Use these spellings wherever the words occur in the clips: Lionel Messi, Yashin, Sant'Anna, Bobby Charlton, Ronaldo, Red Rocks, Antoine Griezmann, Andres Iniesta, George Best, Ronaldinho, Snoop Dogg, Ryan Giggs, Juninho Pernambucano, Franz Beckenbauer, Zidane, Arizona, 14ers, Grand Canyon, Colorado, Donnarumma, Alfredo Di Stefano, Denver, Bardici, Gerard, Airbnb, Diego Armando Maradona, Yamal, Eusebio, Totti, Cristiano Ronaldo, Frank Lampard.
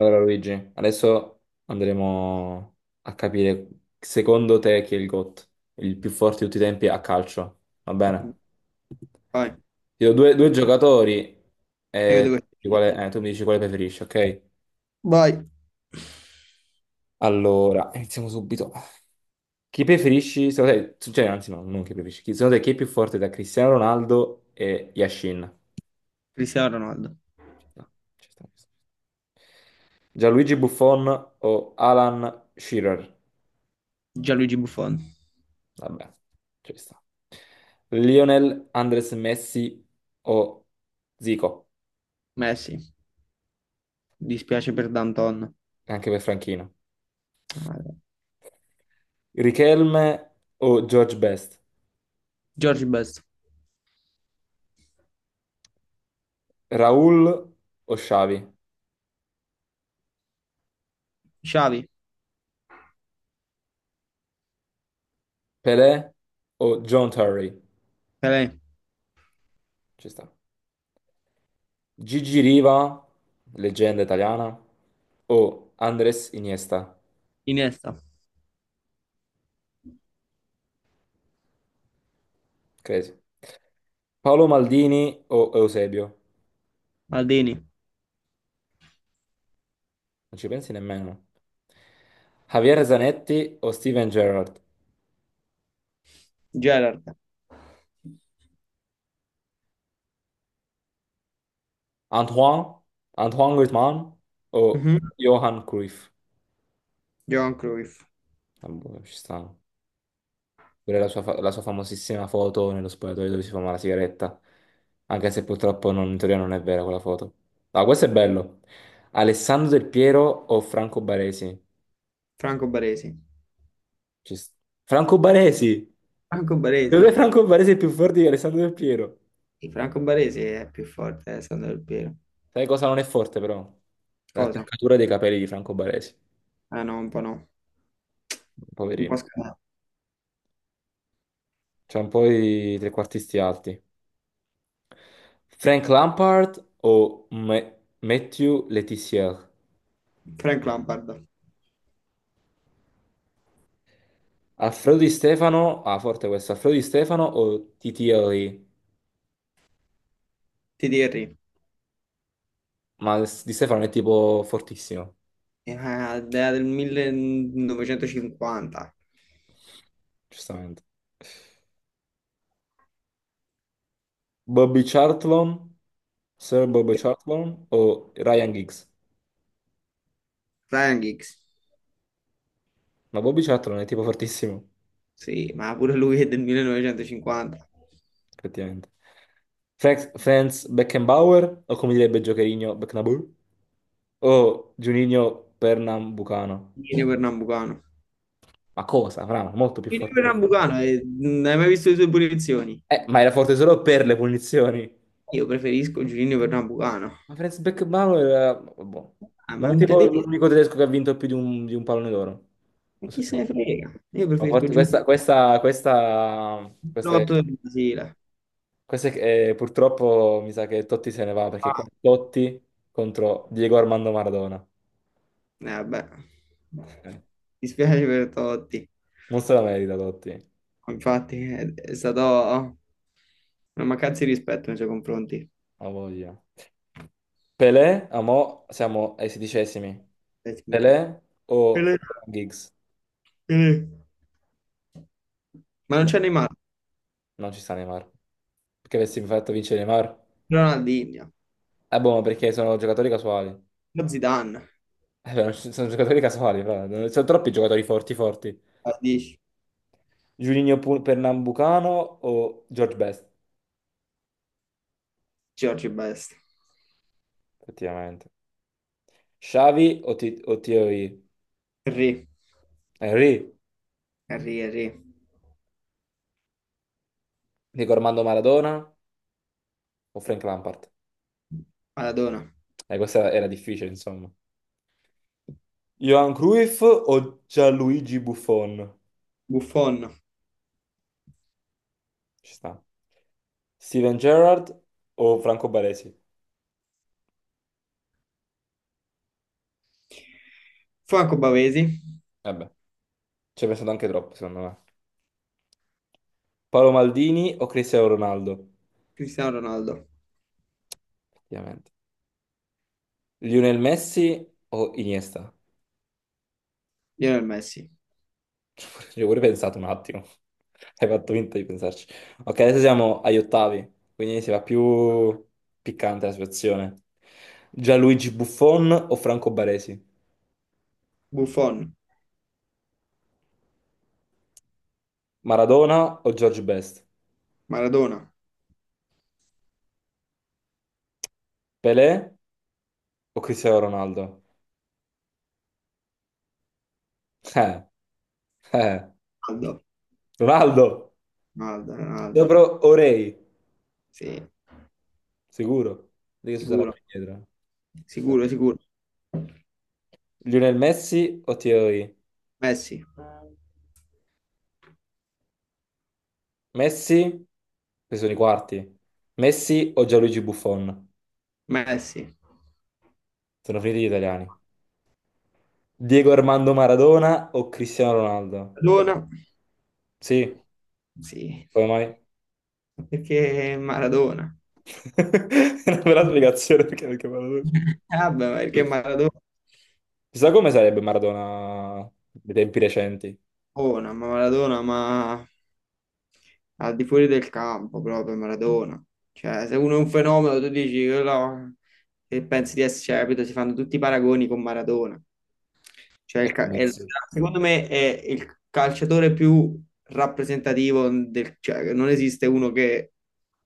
Allora Luigi, adesso andremo a capire secondo te chi è il GOAT, il più forte di tutti i tempi a calcio, va bene? Vai. Ti do due giocatori E io e tu devo... mi dici quale tu mi dici quale preferisci, ok? Vai. Allora, iniziamo subito. Chi preferisci, secondo te, cioè, anzi no, non chi preferisci, chi, secondo te chi è più forte da Cristiano Ronaldo e Yashin? Cristiano Ronaldo. Ci sta, ci sta, ci sta. Gianluigi Buffon o Alan Shearer? Gianluigi Buffon. Vabbè, ci sta. Lionel, Andres Messi o Zico, Messi. Dispiace per Danton. anche per Franchino. Riquelme o George Best. George Best. Raul o Xavi. Xavi. Pelé o John Terry. Pelé. Ci sta. Gigi Riva, leggenda italiana, o Andres Iniesta. Iniesta. Crazy. Paolo Maldini o Eusebio. Maldini. Non ci pensi nemmeno. Javier Zanetti o Steven Gerrard. Gerard. Antoine, Antoine Griezmann o Mhm. Johan Cruyff? Johan Cruyff. Ah, boh, ci sta. Pure la sua, la sua famosissima foto nello spogliatoio dove si fuma la sigaretta. Anche se purtroppo in teoria non è vera quella foto. Ah, questo è bello. Alessandro Del Piero o Franco Baresi? Franco Baresi. Ci sta. Franco Baresi! Franco Dov'è Baresi. Franco Baresi è più forte di Alessandro Del Piero? Sì, Franco Baresi è più forte, Sandro Del Piero. Sai cosa non è forte però? Cosa? L'attaccatura dei capelli di Franco Baresi. Ah no, un po' no. Un po' Poverino. scalato. C'è un po' i trequartisti alti. Frank Lampard o Mathieu Letizia? Frank Lampard, Alfredo Di Stefano, ah forte questo, Alfredo Di Stefano o Titieri? ti direi, Ma Di Stefano è tipo fortissimo, idea del 1950. giustamente. Bobby Charlton, Sir Bobby Charlton o Ryan Giggs? Frank Hicks, Ma Bobby Charlton è tipo fortissimo, sì, ma pure lui è del 1950. effettivamente. Franz Beckenbauer o come direbbe Giocherino Beckenbauer? O Juninho Pernambucano? Gino Pernambucano. Ma cosa, Fra, molto più Gino forte. Pernambucano, non hai mai visto le sue punizioni? Ma era forte solo per le punizioni. Io preferisco Giulio Pernambucano. Ma Franz Beckenbauer era boh. Ah, ma Non è non te tipo devi... l'unico tedesco che ha vinto più di un pallone d'oro. Ma Questo chi sì. se ne No. frega? Io Ma preferisco forte- Giulio Questa, questa, questa, questa è- Lotto del Brasile. Purtroppo mi sa che Totti se ne va perché qua Ah, Totti contro Diego Armando Maradona. Vabbè. Eh, Mi spiace per Totti. non se la merita Totti, Infatti è stata oh, una mancanza di rispetto nei suoi confronti. ha voglia. Pelé, a mo siamo ai sedicesimi. Pessimi. Pelé o Pelé, Giggs? Pelé. Ma non No, c'è Neymar, non ci sta Neymar. Perché avessi fatto vincere Neymar? Ronaldinho, Boh, ma perché sono giocatori casuali. lo Zidane, Beh, non ci- sono giocatori casuali, però. Sono troppi giocatori forti. Bardici, Pernambucano o George Best, George Best, effettivamente. Xavi o, T o TOI? Henry, Henry, Henry, Dico Armando Maradona o Frank Lampard? Maradona, Questa era difficile, insomma. Johan Cruyff o Gianluigi Buffon? Buffon, Ci sta. Steven Gerrard o Franco Baresi? Franco Bavesi, Vabbè, ci hai pensato anche troppo, secondo me. Paolo Maldini o Cristiano Ronaldo? Cristiano Ronaldo, Effettivamente. Lionel Messi o Iniesta? Lionel Messi, Ci ho pure pensato un attimo. Hai fatto finta di pensarci. Ok, adesso siamo agli ottavi, quindi si va più piccante la situazione. Gianluigi Buffon o Franco Baresi? Buffon, Maradona o George Best? Maradona, Pelé o Cristiano Ronaldo? Eh, eh. Ronaldo, Ronaldo, Ronaldo, Ronaldo, sopra Orei, sì, sicuro. Di che sarà più sicuro, indietro. sicuro, sicuro, Lionel Messi o Thierry? Messi, Messi, questi sono i quarti. Messi o Gianluigi Buffon? Messi, Sono finiti gli italiani. Diego Armando Maradona o Cristiano Ronaldo? Maradona, Sì, sì, come mai? perché Maradona. È una bella spiegazione perché, perché Maradona. Ah, beh, ma perché Maradona? Chissà come sarebbe Maradona dei tempi recenti. Maradona, ma al di fuori del campo proprio Maradona. Cioè, se uno è un fenomeno, tu dici quello che pensi di essere, cioè, capito? Si fanno tutti i paragoni con Maradona. Cioè, il Ecco ca- è il- Messi. secondo me è il calciatore più rappresentativo del, cioè, non esiste uno che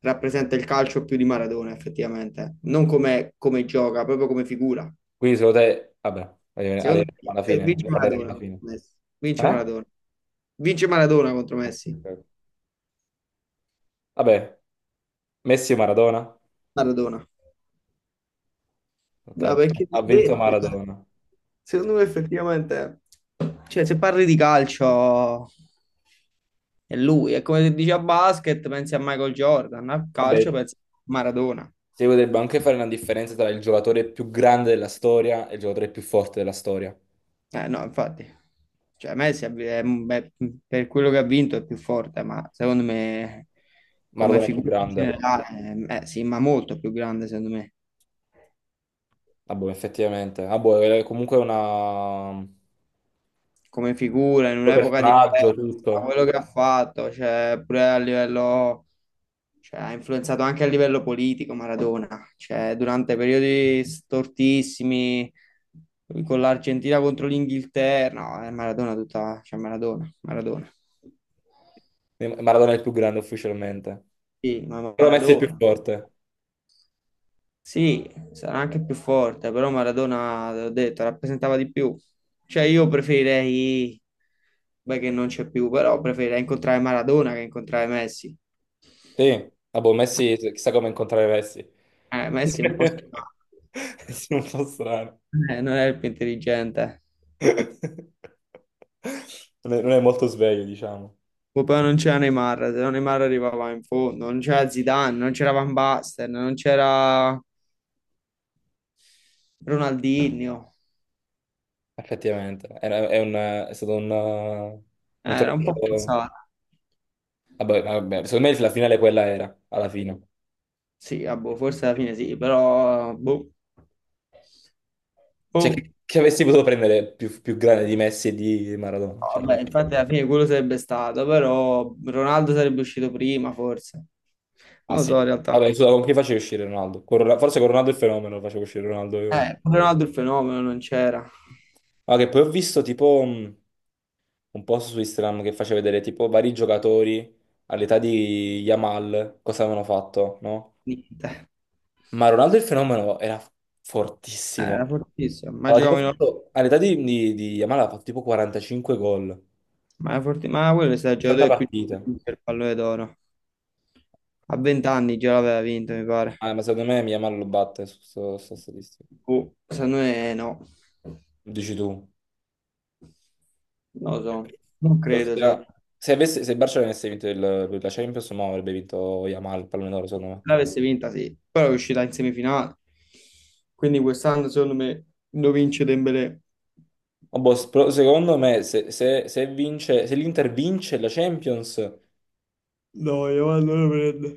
rappresenta il calcio più di Maradona, effettivamente. Non come, come gioca, proprio come figura. Quindi secondo te, vabbè, Secondo arriveremo me alla fine, vince ne parleremo Maradona alla contro fine. Messi. Vince Eh? Maradona. Vince Maradona contro Messi. Ok. Vabbè, Messi o Maradona? Maradona. Ok, Ma perché ti ho ha vinto detto? Eh. Maradona. Secondo me effettivamente, cioè se parli di calcio è lui, è come se dici a basket pensi a Michael Jordan, a calcio Vabbè, pensi a Maradona. si potrebbe anche fare una differenza tra il giocatore più grande della storia e il giocatore più forte della storia. Eh no, infatti, cioè Messi è- beh, per quello che ha vinto è più forte, ma secondo me come Maradona è più figura in grande. generale, sì, ma molto più grande secondo me. Ah, boh, effettivamente. Ah, boh, è comunque una Come figura in un'epoca personaggio, diversa, tutto. quello che ha fatto, cioè, pure a livello, cioè, ha influenzato anche a livello politico Maradona, cioè, durante periodi stortissimi con l'Argentina contro l'Inghilterra, no, è Maradona tutta, cioè Maradona, Maradona. Maradona è il più grande ufficialmente. Sì, ma Però Messi è il più Maradona. forte. Sì, sarà anche più forte, però Maradona, l'ho detto, rappresentava di più. Cioè io preferirei, beh che non c'è più, però preferirei incontrare Maradona che incontrare Messi. Sì. Ah, boh, Messi, chissà come incontrare Messi. Messi è un po' strano, Sì, un po' strano. Non è il più intelligente. Non è molto sveglio, diciamo. Poi però non c'era Neymar, se no Neymar arrivava in fondo, non c'era Zidane, non c'era Van Basten, non c'era Ronaldinho. Effettivamente, è, è stato un Era un po' torneo. forzato. Vabbè, vabbè, secondo me la finale quella era, alla fine. Sì, ah, boh, forse alla fine sì, però boh. Cioè, Oh, chi avessi potuto prendere più grande di Messi e di Maradona? Cioè, vabbè, infatti alla fine quello sarebbe stato, però Ronaldo sarebbe uscito prima, forse. ah Non lo sì. so, in realtà. Vabbè, scusa, con chi facevi uscire Ronaldo? Con forse con Ronaldo il fenomeno facevo uscire Ronaldo. Io. Pure Ronaldo il fenomeno non c'era. Ah, che poi ho visto tipo un post su Instagram che faceva vedere tipo vari giocatori all'età di Yamal, cosa avevano fatto, no? Niente. Ma Ronaldo il fenomeno era fortissimo. Era fortissimo. Ma Aveva tipo giocava in... fatto, all'età di Yamal ha fatto tipo 45 gol, ma quello è stato il 70 giocatore più partite. giovane per il pallone d'oro. A 20 anni già l'aveva vinto, mi pare. Ah, ma secondo me Yamal lo batte su questa statistica. Boh, secondo me no. Dici tu. Non lo so. Non credo, secondo Ossia, me. Se il Barcellona avesse vinto la Champions, no, avrebbe vinto Yamal, il pallone d'oro, secondo me. L'avesse vinta, sì, però è uscita in semifinale. Quindi quest'anno, secondo me, lo vince Dembélé. Ma boh, però secondo me, se vince, se l'Inter vince la Champions, No, Yamal non lo prende.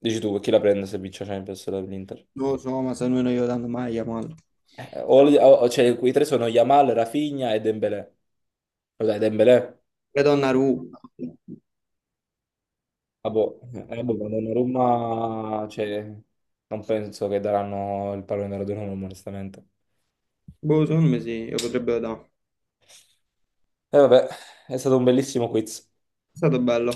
dici tu, chi la prende se vince la Champions l'Inter? Non lo so, ma secondo me non glielo danno mai a Yamal. Eh, o- cioè, quei tre sono Yamal, Rafinha e Dembélé. Dai, Dembélé. E Donnarumma. Ah, boh, boh, quando a Roma, cioè, non penso che daranno il pallone d'oro a Roma, onestamente. Boh, secondo me sì, lo potrebbero dare. E vabbè, è stato un bellissimo quiz. È stato bello.